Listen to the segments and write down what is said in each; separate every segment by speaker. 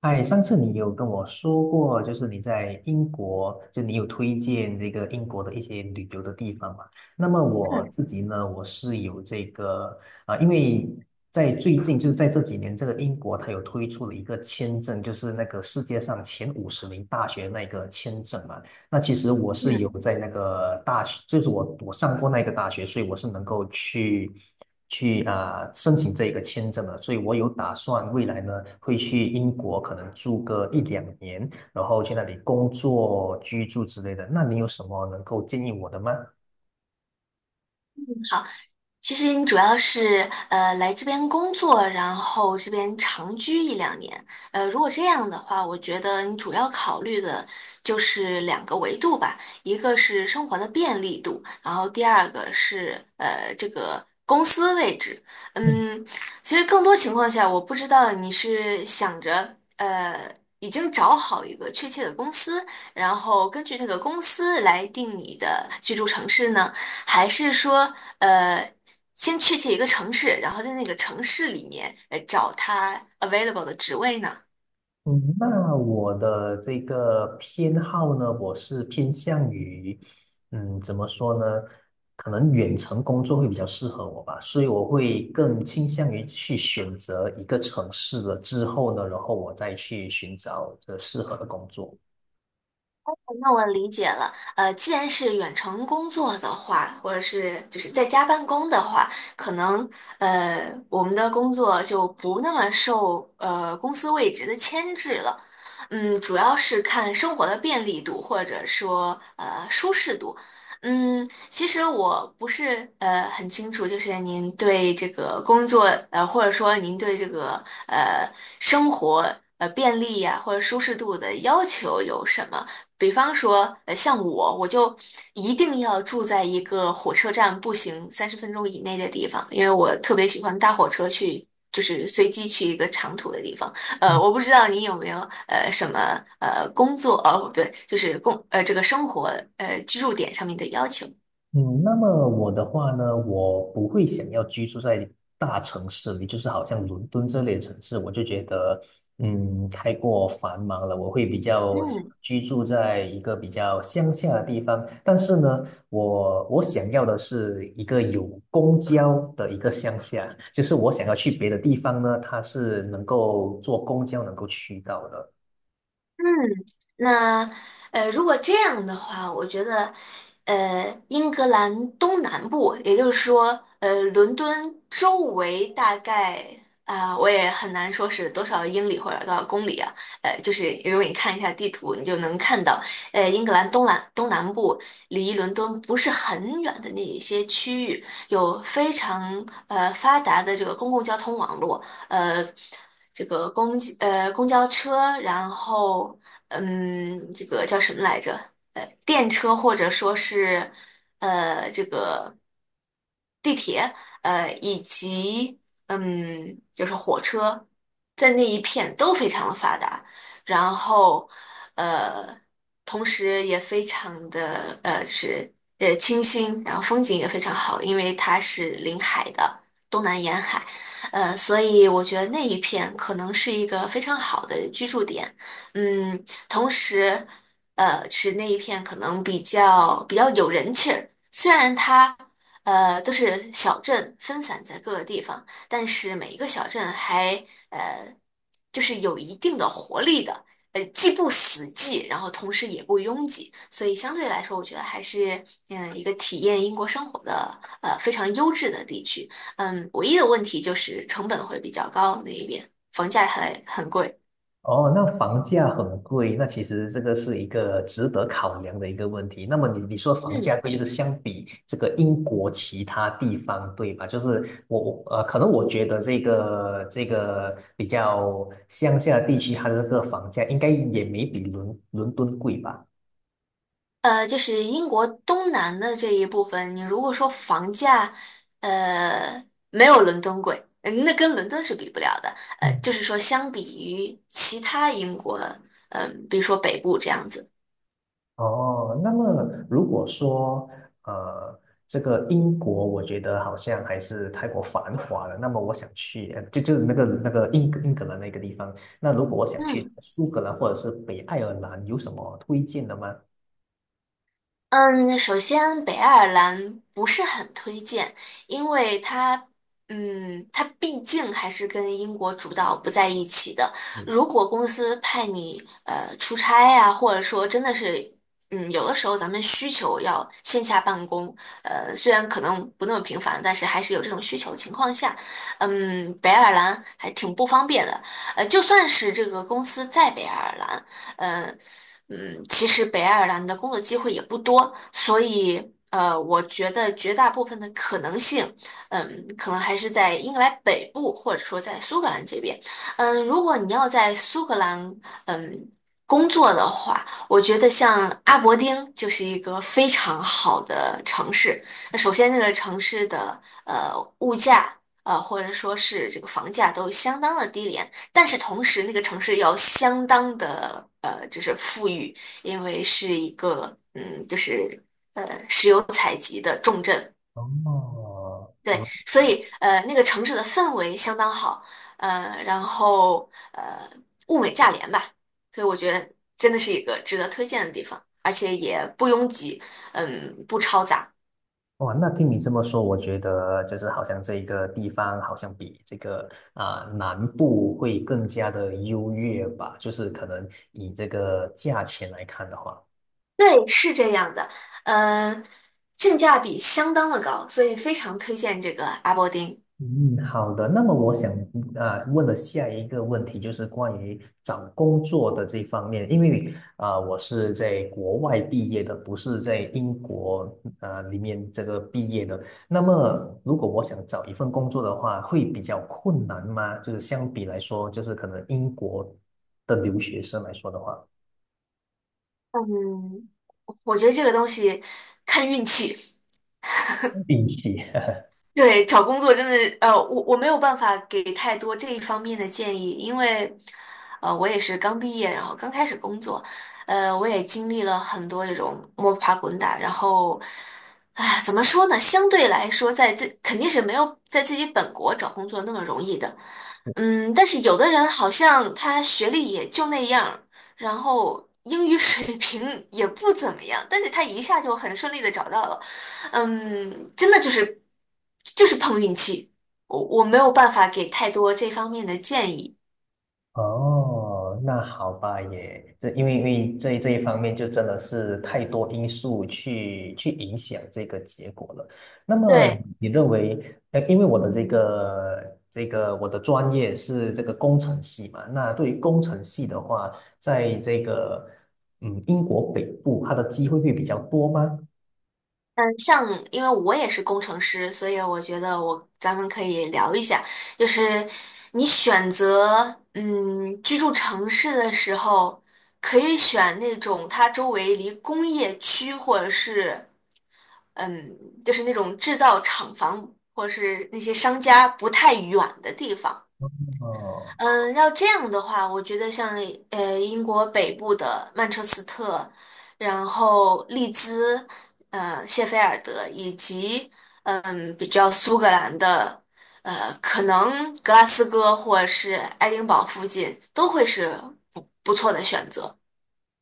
Speaker 1: 哎，上次你有跟我说过，就是你在英国，就你有推荐这个英国的一些旅游的地方嘛？那么我自己呢，我是有这个因为在最近就是在这几年，这个英国它有推出了一个签证，就是那个世界上前50名大学那个签证嘛。那其实我是
Speaker 2: Yeah.
Speaker 1: 有在那个大学，就是我上过那个大学，所以我是能够去申请这个签证的，所以我有打算未来呢会去英国，可能住个一两年，然后去那里工作、居住之类的。那你有什么能够建议我的吗？
Speaker 2: 其实你主要是来这边工作，然后这边长居一两年。如果这样的话，我觉得你主要考虑的就是两个维度吧，一个是生活的便利度，然后第二个是这个公司位置。嗯，其实更多情况下，我不知道你是想着。已经找好一个确切的公司，然后根据那个公司来定你的居住城市呢，还是说，呃，先确切一个城市，然后在那个城市里面找它 available 的职位呢？
Speaker 1: 嗯，那我的这个偏好呢，我是偏向于，嗯，怎么说呢？可能远程工作会比较适合我吧，所以我会更倾向于去选择一个城市了之后呢，然后我再去寻找这适合的工作。
Speaker 2: 那我理解了，既然是远程工作的话，或者是就是在家办公的话，可能我们的工作就不那么受公司位置的牵制了，主要是看生活的便利度或者说舒适度，其实我不是很清楚，就是您对这个工作或者说您对这个生活便利呀、或者舒适度的要求有什么？比方说，像我，我就一定要住在一个火车站步行30分钟以内的地方，因为我特别喜欢搭火车去，就是随机去一个长途的地方。我不知道你有没有什么工作，哦，不对，就是这个生活居住点上面的要求。
Speaker 1: 嗯，那么我的话呢，我不会想要居住在大城市里，就是好像伦敦这类的城市，我就觉得，嗯，太过繁忙了。我会比较想
Speaker 2: 嗯
Speaker 1: 居住在一个比较乡下的地方，但是呢，我想要的是一个有公交的一个乡下，就是我想要去别的地方呢，它是能够坐公交能够去到的。
Speaker 2: 嗯，那如果这样的话，我觉得，英格兰东南部，也就是说，伦敦周围大概我也很难说是多少英里或者多少公里啊，就是如果你看一下地图，你就能看到，英格兰东南部离伦敦不是很远的那一些区域，有非常发达的这个公共交通网络，呃。这个公交车，然后这个叫什么来着？电车或者说是这个地铁，以及就是火车，在那一片都非常的发达，然后呃，同时也非常的就是清新，然后风景也非常好，因为它是临海的东南沿海，所以我觉得那一片可能是一个非常好的居住点，嗯，同时是那一片可能比较有人气儿。虽然它都是小镇分散在各个地方，但是每一个小镇还呃，就是有一定的活力的，既不死寂，然后同时也不拥挤，所以相对来说，我觉得还是一个体验英国生活的非常优质的地区。唯一的问题就是成本会比较高，那一边房价还很贵。
Speaker 1: 哦，那房价很贵，那其实这个是一个值得考量的一个问题。那么你说房价
Speaker 2: 嗯，
Speaker 1: 贵，就是相比这个英国其他地方，对吧？就是我，可能我觉得这个比较乡下地区，它的这个房价应该也没比伦敦贵吧？
Speaker 2: 就是英国东南的这一部分，你如果说房价，呃，没有伦敦贵，那跟伦敦是比不了的。就
Speaker 1: 嗯。
Speaker 2: 是说相比于其他英国，比如说北部这样子，
Speaker 1: 哦，那么如果说呃，这个英国，我觉得好像还是太过繁华了。那么我想去，就是那个英格兰那个地方。那如果我想去
Speaker 2: 嗯。
Speaker 1: 苏格兰或者是北爱尔兰，有什么推荐的吗？
Speaker 2: 嗯，首先北爱尔兰不是很推荐，因为它毕竟还是跟英国主导不在一起的。
Speaker 1: 嗯。
Speaker 2: 如果公司派你出差呀、或者说真的是，有的时候咱们需求要线下办公，虽然可能不那么频繁，但是还是有这种需求的情况下，北爱尔兰还挺不方便的。就算是这个公司在北爱尔兰。呃其实北爱尔兰的工作机会也不多，所以我觉得绝大部分的可能性，可能还是在英格兰北部，或者说在苏格兰这边。如果你要在苏格兰，嗯。工作的话，我觉得像阿伯丁就是一个非常好的城市。那首先，这个城市的呃物价，或者说是这个房价都相当的低廉，但是同时那个城市要相当的就是富裕，因为是一个就是石油采集的重镇，
Speaker 1: 哦，
Speaker 2: 对，
Speaker 1: 你
Speaker 2: 所以那个城市的氛围相当好，然后物美价廉吧，所以我觉得真的是一个值得推荐的地方，而且也不拥挤，不嘈杂，
Speaker 1: 哇，那听你这么说，我觉得就是好像这一个地方好像比这个南部会更加的优越吧，就是可能以这个价钱来看的话。
Speaker 2: 对，是这样的，嗯、性价比相当的高，所以非常推荐这个阿伯丁。
Speaker 1: 嗯，好的。那么我想问的下一个问题就是关于找工作的这方面，因为我是在国外毕业的，不是在英国里面这个毕业的。那么如果我想找一份工作的话，会比较困难吗？就是相比来说，就是可能英国的留学生来说的话，
Speaker 2: 嗯，我觉得这个东西看运气。
Speaker 1: 运气。
Speaker 2: 对，找工作真的，我没有办法给太多这一方面的建议，因为，我也是刚毕业，然后刚开始工作，我也经历了很多这种摸爬滚打，然后，唉，怎么说呢？相对来说，肯定是没有在自己本国找工作那么容易的，但是有的人好像他学历也就那样儿然后英语水平也不怎么样，但是他一下就很顺利的找到了。真的就是碰运气，我没有办法给太多这方面的建议。
Speaker 1: 哦，那好吧也，这因为因为这这一方面就真的是太多因素去去影响这个结果了。那么
Speaker 2: 对，
Speaker 1: 你认为，呃，因为我的这个这个我的专业是这个工程系嘛，那对于工程系的话，在这个嗯英国北部，它的机会会比较多吗？
Speaker 2: 嗯，像因为我也是工程师，所以我觉得咱们可以聊一下，就是你选择居住城市的时候，可以选那种它周围离工业区或者是嗯就是那种制造厂房或者是那些商家不太远的地方。
Speaker 1: 哦。
Speaker 2: 嗯，要这样的话，我觉得像英国北部的曼彻斯特，然后利兹，谢菲尔德，以及比较苏格兰的，可能格拉斯哥或者是爱丁堡附近都会是不错的选择。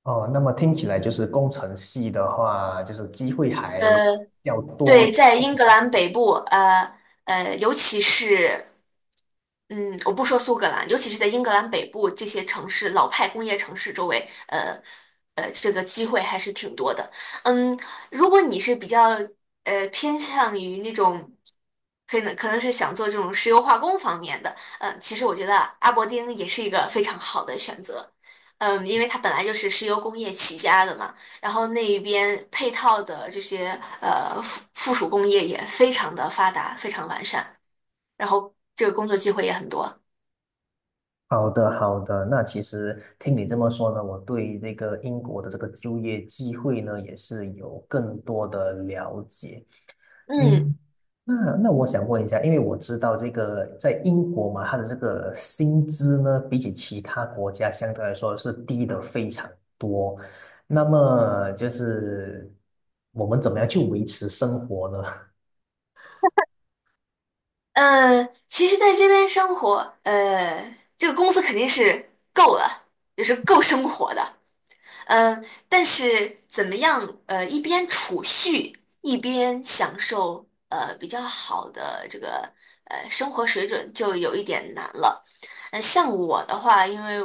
Speaker 1: 哦，那么听起来就是工程系的话，就是机会还
Speaker 2: 呃，
Speaker 1: 要多。
Speaker 2: 对，在英格兰北部，尤其是。嗯，我不说苏格兰，尤其是在英格兰北部这些城市，老派工业城市周围，这个机会还是挺多的。嗯，如果你是比较偏向于那种，可能是想做这种石油化工方面的，其实我觉得阿伯丁也是一个非常好的选择。因为它本来就是石油工业起家的嘛，然后那一边配套的这些附属工业也非常的发达，非常完善，然后这个工作机会也很多。
Speaker 1: 好的，好的。那其实听你这么说呢，我对这个英国的这个就业机会呢，也是有更多的了解。
Speaker 2: 嗯，
Speaker 1: 嗯，那那我想问一下，因为我知道这个在英国嘛，它的这个薪资呢，比起其他国家相对来说是低的非常。那么就是我们怎么样去维持生活呢？
Speaker 2: 其实在这边生活，这个工资肯定是够了，也是够生活的。嗯，但是怎么样？一边储蓄，一边享受比较好的这个生活水准，就有一点难了。像我的话，因为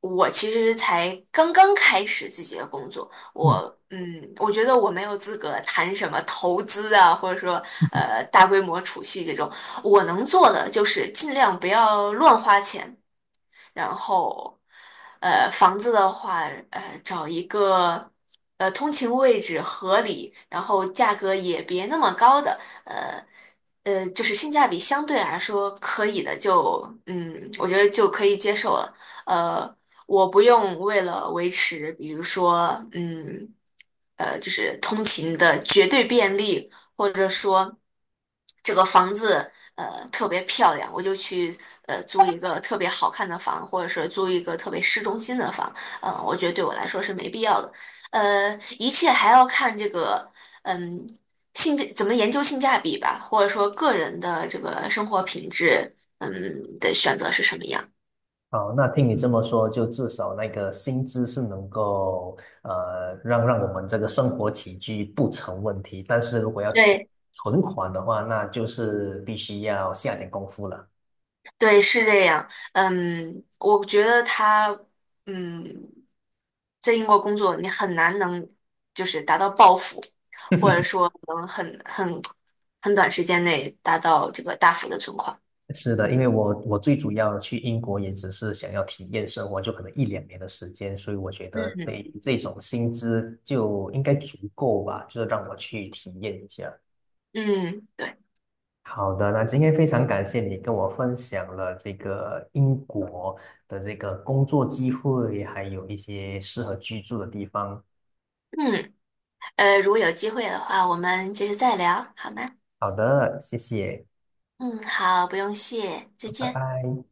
Speaker 2: 我其实才刚刚开始自己的工作，我觉得我没有资格谈什么投资啊，或者说大规模储蓄这种。我能做的就是尽量不要乱花钱。然后，房子的话，找一个通勤位置合理，然后价格也别那么高的，呃就是性价比相对来说可以的就，我觉得就可以接受了。呃，我不用为了维持，比如说，就是通勤的绝对便利或者说这个房子特别漂亮，我就去租一个特别好看的房，或者是租一个特别市中心的房，我觉得对我来说是没必要的。一切还要看这个嗯怎么研究性价比吧，或者说个人的这个生活品质的选择是什么样。
Speaker 1: 哦，那听你这么说，就至少那个薪资是能够让我们这个生活起居不成问题，但是如果要存
Speaker 2: 对，
Speaker 1: 存款的话，那就是必须要下点功夫了。
Speaker 2: 对，是这样。我觉得他，嗯，在英国工作，你很难能就是达到暴富，能很短时间内达到这个大幅的存款。
Speaker 1: 是的，因为我最主要去英国也只是想要体验生活，就可能一两年的时间，所以我觉得
Speaker 2: 嗯，
Speaker 1: 这种薪资就应该足够吧，就是让我去体验一下。
Speaker 2: 嗯，对，
Speaker 1: 好的，那今天非常感谢你跟我分享了这个英国的这个工作机会，还有一些适合居住的地方。
Speaker 2: 嗯，如果有机会的话，我们接着再聊，好吗？
Speaker 1: 好的，谢谢，
Speaker 2: 嗯，好，不用谢，再
Speaker 1: 拜
Speaker 2: 见。
Speaker 1: 拜。